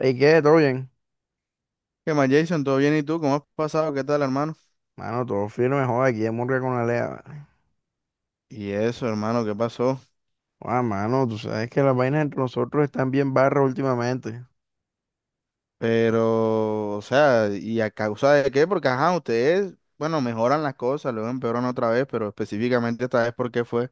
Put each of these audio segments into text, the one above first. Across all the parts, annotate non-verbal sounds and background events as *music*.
¿Y qué? ¿Todo bien? ¿Qué más, Jason? ¿Todo bien? ¿Y tú? ¿Cómo has pasado? ¿Qué tal, hermano? Mano, todo firme, joder, aquí en Murga con Alea. Vale. Y eso, hermano, ¿qué pasó? Joda, mano, tú sabes que las vainas entre nosotros están bien barras últimamente. Pero, o sea, ¿y a causa de qué? Porque, ajá, ustedes, bueno, mejoran las cosas, luego empeoran otra vez, pero específicamente esta vez, ¿por qué fue?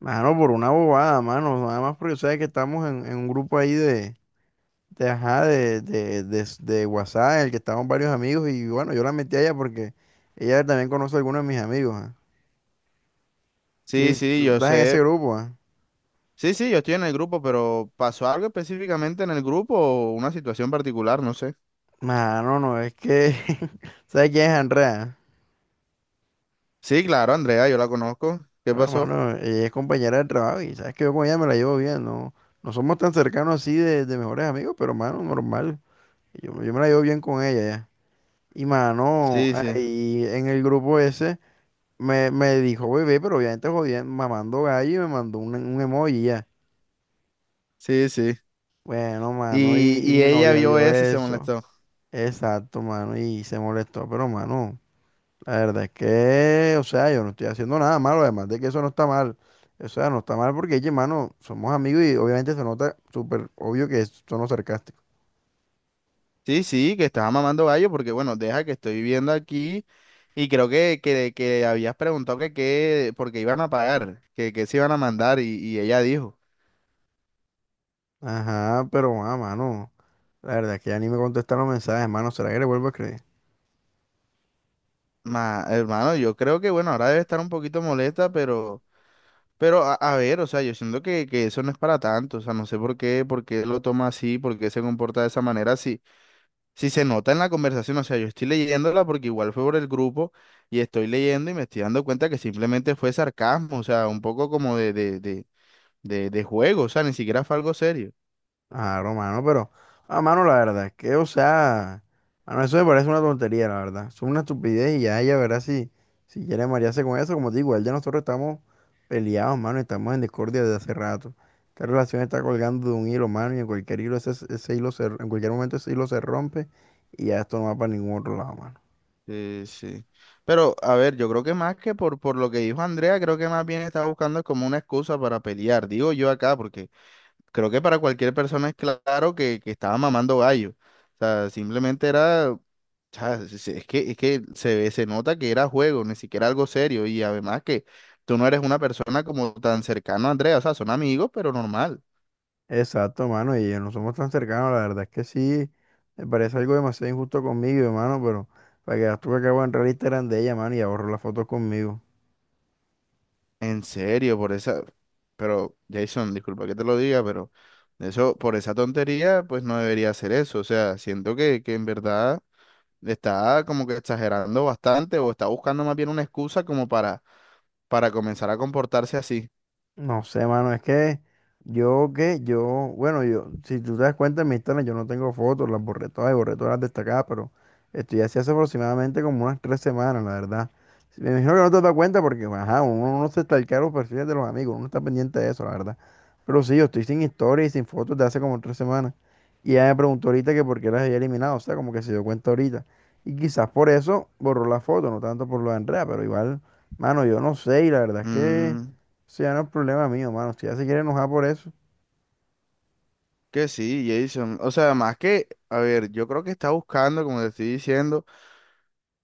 Mano, por una bobada, mano. Nada más porque sabes que estamos en un grupo ahí de, ajá, de WhatsApp, en el que estamos varios amigos. Y bueno, yo la metí a ella porque ella también conoce a algunos de mis amigos. Ah. Sí, Sí, sí, tú yo estás en ese sé. grupo, ah. Sí, sí, yo estoy en el grupo, pero ¿pasó algo específicamente en el grupo o una situación particular? No sé. Mano, no, es que... *laughs* ¿Sabes quién es Andrea? Sí, claro, Andrea, yo la conozco. ¿Qué Bueno, pasó? mano, ella es compañera del trabajo y sabes que yo con ella me la llevo bien, no, no somos tan cercanos así de mejores amigos, pero mano, normal. Yo me la llevo bien con ella ya. Y mano, Sí, sí, ahí en el grupo ese me dijo bebé, pero obviamente jodiendo, mamando gallo y me mandó un emoji ya. sí, sí. Bueno, mano, y Y mi ella novia vio vio eso y se eso. molestó. Exacto, mano, y se molestó, pero mano. La verdad es que, o sea, yo no estoy haciendo nada malo, además de que eso no está mal. O sea, no está mal porque, oye, mano, somos amigos y obviamente se nota súper obvio que es tono sarcástico. Sí, sí, que estaba mamando gallo porque, bueno, deja que estoy viviendo aquí y creo que habías preguntado que qué, porque iban a pagar, que se iban a mandar y ella dijo, Ajá, pero, ah, mano, la verdad es que ya ni me contestan los mensajes, mano, ¿será que le vuelvo a escribir? ma, hermano, yo creo que, bueno, ahora debe estar un poquito molesta, pero a ver, o sea, yo siento que eso no es para tanto, o sea, no sé por qué lo toma así, por qué se comporta de esa manera, si, si se nota en la conversación, o sea, yo estoy leyéndola porque igual fue por el grupo y estoy leyendo y me estoy dando cuenta que simplemente fue sarcasmo, o sea, un poco como de juego, o sea, ni siquiera fue algo serio. Claro, mano, pero, ah, mano, la verdad es que, o sea, mano, eso me parece una tontería, la verdad. Es una estupidez y ya ella verá si, si quiere marearse con eso. Como te digo, él ya nosotros estamos peleados, mano, y estamos en discordia desde hace rato. Esta relación está colgando de un hilo, mano, y en cualquier hilo ese, ese hilo se, en cualquier momento ese hilo se rompe y ya esto no va para ningún otro lado, mano. Sí. Pero, a ver, yo creo que más que por lo que dijo Andrea, creo que más bien está buscando como una excusa para pelear, digo yo acá, porque creo que para cualquier persona es claro que estaba mamando gallo. O sea, simplemente era, o sea, es que se ve, se nota que era juego, ni siquiera algo serio, y además que tú no eres una persona como tan cercana a Andrea, o sea, son amigos, pero normal. Exacto, mano, y no somos tan cercanos, la verdad es que sí, me parece algo demasiado injusto conmigo, hermano, pero para que tú que acabo de entrar al Instagram de ella, mano, y ahorro las fotos conmigo. En serio, por esa. Pero, Jason, disculpa que te lo diga, pero eso, por esa tontería, pues no debería hacer eso. O sea, siento que en verdad está como que exagerando bastante o está buscando más bien una excusa como para comenzar a comportarse así. No sé, mano, es que yo que yo, bueno, yo, si tú te das cuenta en mi Instagram, yo no tengo fotos, las borré todas y borré todas las destacadas, pero esto ya se hace aproximadamente como unas tres semanas, la verdad. Sí, me imagino que no te das cuenta porque, ajá, uno no se stalkea los perfiles de los amigos, uno está pendiente de eso, la verdad. Pero sí, yo estoy sin historia y sin fotos de hace como tres semanas. Y ella me preguntó ahorita que por qué las había eliminado, o sea, como que se dio cuenta ahorita. Y quizás por eso borró la foto, no tanto por lo de Andrea, pero igual, mano, yo no sé, y la verdad es que. Mm, Eso ya no es problema mío, mano. Si ya se quiere enojar por eso. que sí, Jason. O sea, más que, a ver, yo creo que está buscando, como te estoy diciendo,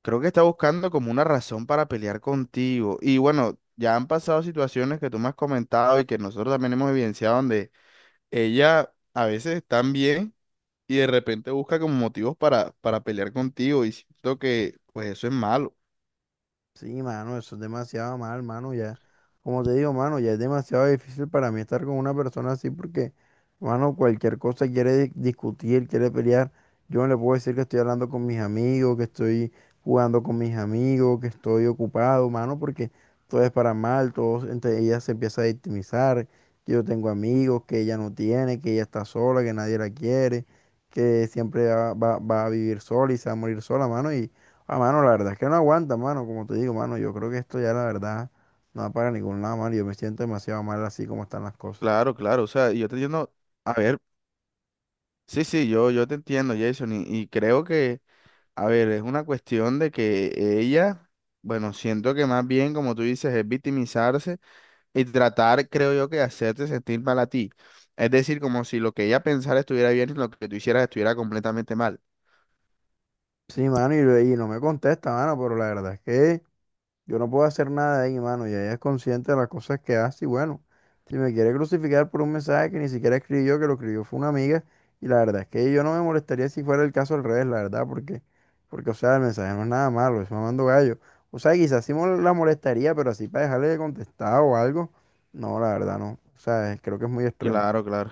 creo que está buscando como una razón para pelear contigo. Y bueno, ya han pasado situaciones que tú me has comentado y que nosotros también hemos evidenciado donde ella a veces está bien y de repente busca como motivos para pelear contigo y siento que pues eso es malo. Sí, mano, eso es demasiado mal, mano, ya. Como te digo, mano, ya es demasiado difícil para mí estar con una persona así porque, mano, cualquier cosa quiere discutir, quiere pelear. Yo no le puedo decir que estoy hablando con mis amigos, que estoy jugando con mis amigos, que estoy ocupado, mano, porque todo es para mal, todo, entre ella se empieza a victimizar, que yo tengo amigos, que ella no tiene, que ella está sola, que nadie la quiere, que siempre va a vivir sola y se va a morir sola, mano. Ah, mano, la verdad es que no aguanta, mano, como te digo, mano, yo creo que esto ya la verdad no va para ningún lado, mano, yo me siento demasiado mal así como están las cosas. Claro, claro, o sea, yo te entiendo, a ver, sí, sí, yo te entiendo, Jason, y creo que, a ver, es una cuestión de que ella, bueno, siento que más bien, como tú dices, es victimizarse y tratar, creo yo, que de hacerte sentir mal a ti. Es decir, como si lo que ella pensara estuviera bien y lo que tú hicieras estuviera completamente mal. Sí, mano, y no me contesta, mano, pero la verdad es que yo no puedo hacer nada de ahí, mano. Y ella es consciente de las cosas que hace. Y bueno, si me quiere crucificar por un mensaje que ni siquiera escribí yo, que lo escribió fue una amiga. Y la verdad es que yo no me molestaría si fuera el caso al revés, la verdad, porque, o sea, el mensaje no es nada malo, es mamando gallo. O sea, quizás sí la molestaría, pero así para dejarle de contestar o algo, no, la verdad no. O sea, creo que es muy extremo. Claro, claro.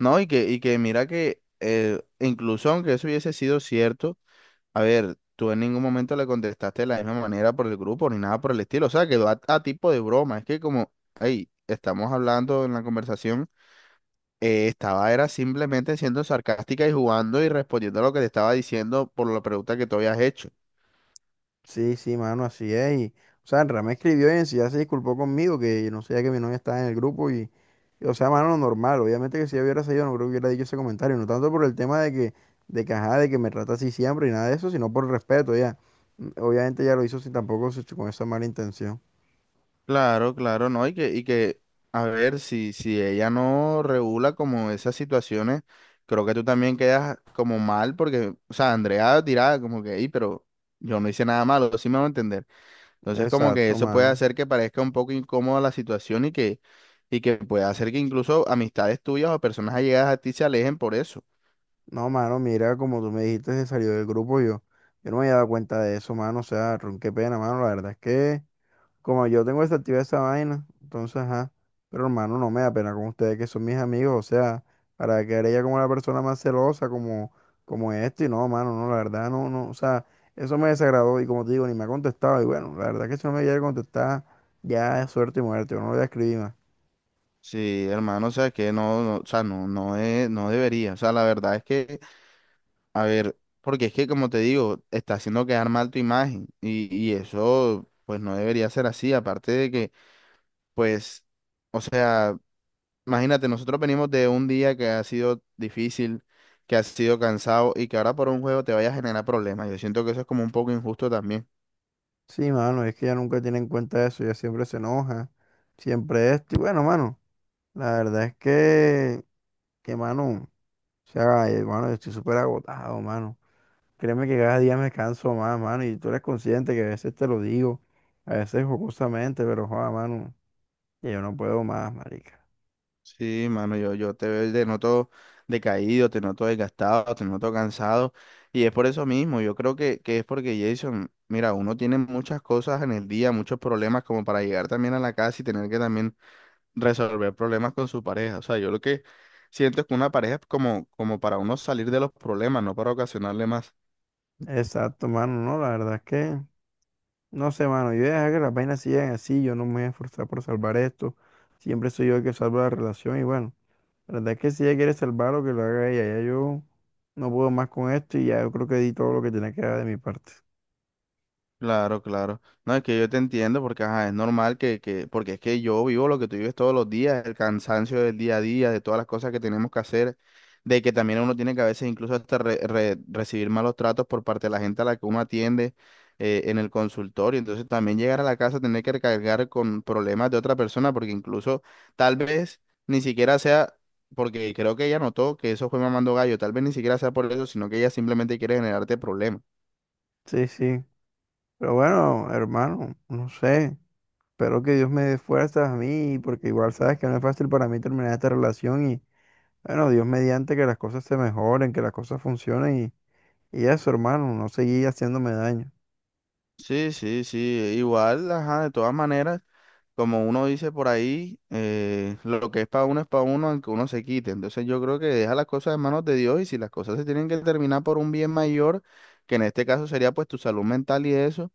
No, y que mira que incluso aunque eso hubiese sido cierto, a ver, tú en ningún momento le contestaste de la misma manera por el grupo ni nada por el estilo, o sea, quedó a tipo de broma, es que como, hey, estamos hablando en la conversación, estaba era simplemente siendo sarcástica y jugando y respondiendo a lo que te estaba diciendo por la pregunta que tú habías hecho. Sí, sí, mano, así es. Y, o sea, Andrea me escribió y en sí ya se disculpó conmigo, que no sabía que mi novia estaba en el grupo y, o sea, mano, normal. Obviamente que si yo hubiera salido, no creo que hubiera dicho ese comentario, no tanto por el tema de que, ajá, de que me trata así siempre y nada de eso, sino por respeto, ya. Mm. Obviamente ya lo hizo sin tampoco con esa mala intención. Claro, claro, no, y que, a ver, si, si ella no regula como esas situaciones, creo que tú también quedas como mal, porque, o sea, Andrea dirá como que, "Ey, pero yo no hice nada malo, sí me va a entender". Entonces, como que Exacto, eso puede mano. hacer que parezca un poco incómoda la situación y que puede hacer que incluso amistades tuyas o personas allegadas a ti se alejen por eso. No, mano, mira, como tú me dijiste, se salió del grupo yo. Yo no me había dado cuenta de eso, mano. O sea, ron, qué pena, mano. La verdad es que como yo tengo desactivada esa vaina, entonces, ajá. Pero hermano, no me da pena con ustedes que son mis amigos, o sea, para quedar ella como la persona más celosa, como, como esto, y no, mano, no, la verdad, no, no, o sea, eso me desagradó, y como te digo, ni me ha contestado, y bueno, la verdad que si no me llega a contestar, ya es suerte y muerte, yo no le voy a escribir más. Sí, hermano, o sea, que no, no, o sea, no, no es, no debería. O sea, la verdad es que a ver, porque es que como te digo, está haciendo quedar mal tu imagen y eso pues no debería ser así, aparte de que pues, o sea, imagínate, nosotros venimos de un día que ha sido difícil, que ha sido cansado y que ahora por un juego te vaya a generar problemas. Yo siento que eso es como un poco injusto también. Sí, mano, es que ella nunca tiene en cuenta eso, ella siempre se enoja, siempre esto, y bueno, mano, la verdad es que, mano, o sea, ay, hermano, yo estoy súper agotado, mano. Créeme que cada día me canso más, mano, y tú eres consciente que a veces te lo digo, a veces jocosamente, pero joda, mano, que yo no puedo más, marica. Sí, mano, yo te veo, te noto decaído, te noto desgastado, te noto cansado. Y es por eso mismo, yo creo que es porque Jason, mira, uno tiene muchas cosas en el día, muchos problemas como para llegar también a la casa y tener que también resolver problemas con su pareja. O sea, yo lo que siento es que una pareja es como, como para uno salir de los problemas, no para ocasionarle más. Exacto, mano, no, la verdad es que, no sé, mano, yo voy a dejar que las vainas sigan así, yo no me voy a esforzar por salvar esto, siempre soy yo el que salvo la relación, y bueno, la verdad es que si ella quiere salvarlo, que lo haga ella, ya yo no puedo más con esto, y ya yo creo que di todo lo que tenía que dar de mi parte. Claro, claro. No, es que yo te entiendo porque ajá, es normal que, porque es que yo vivo lo que tú vives todos los días, el cansancio del día a día, de todas las cosas que tenemos que hacer, de que también uno tiene que a veces incluso hasta recibir malos tratos por parte de la gente a la que uno atiende en el consultorio. Entonces también llegar a la casa, tener que recargar con problemas de otra persona, porque incluso tal vez ni siquiera sea, porque creo que ella notó que eso fue mamando gallo, tal vez ni siquiera sea por eso, sino que ella simplemente quiere generarte problemas. Sí, sí, pero bueno, hermano, no sé. Espero que Dios me dé fuerzas a mí, porque igual sabes que no es fácil para mí terminar esta relación y bueno, Dios mediante que las cosas se mejoren, que las cosas funcionen y eso, hermano, no seguir haciéndome daño. Sí, sí, sí, igual, ajá, de todas maneras, como uno dice por ahí, lo que es para uno, aunque uno se quite. Entonces yo creo que deja las cosas en manos de Dios y si las cosas se tienen que terminar por un bien mayor, que en este caso sería pues tu salud mental y eso,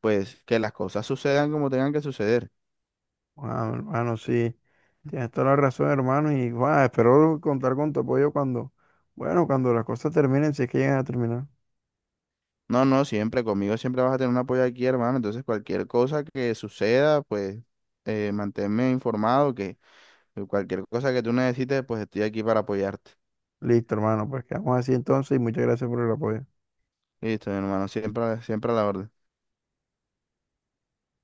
pues que las cosas sucedan como tengan que suceder. Wow, hermano, sí, tienes toda la razón, hermano, y guau, espero contar con tu apoyo cuando, bueno, cuando las cosas terminen, si es que llegan a terminar. No, no, siempre, conmigo siempre vas a tener un apoyo aquí, hermano. Entonces cualquier cosa que suceda, pues manténme informado, que cualquier cosa que tú necesites, pues estoy aquí para apoyarte. Listo, hermano, pues quedamos así entonces y muchas gracias por el apoyo. Listo, mi hermano, siempre, siempre a la orden.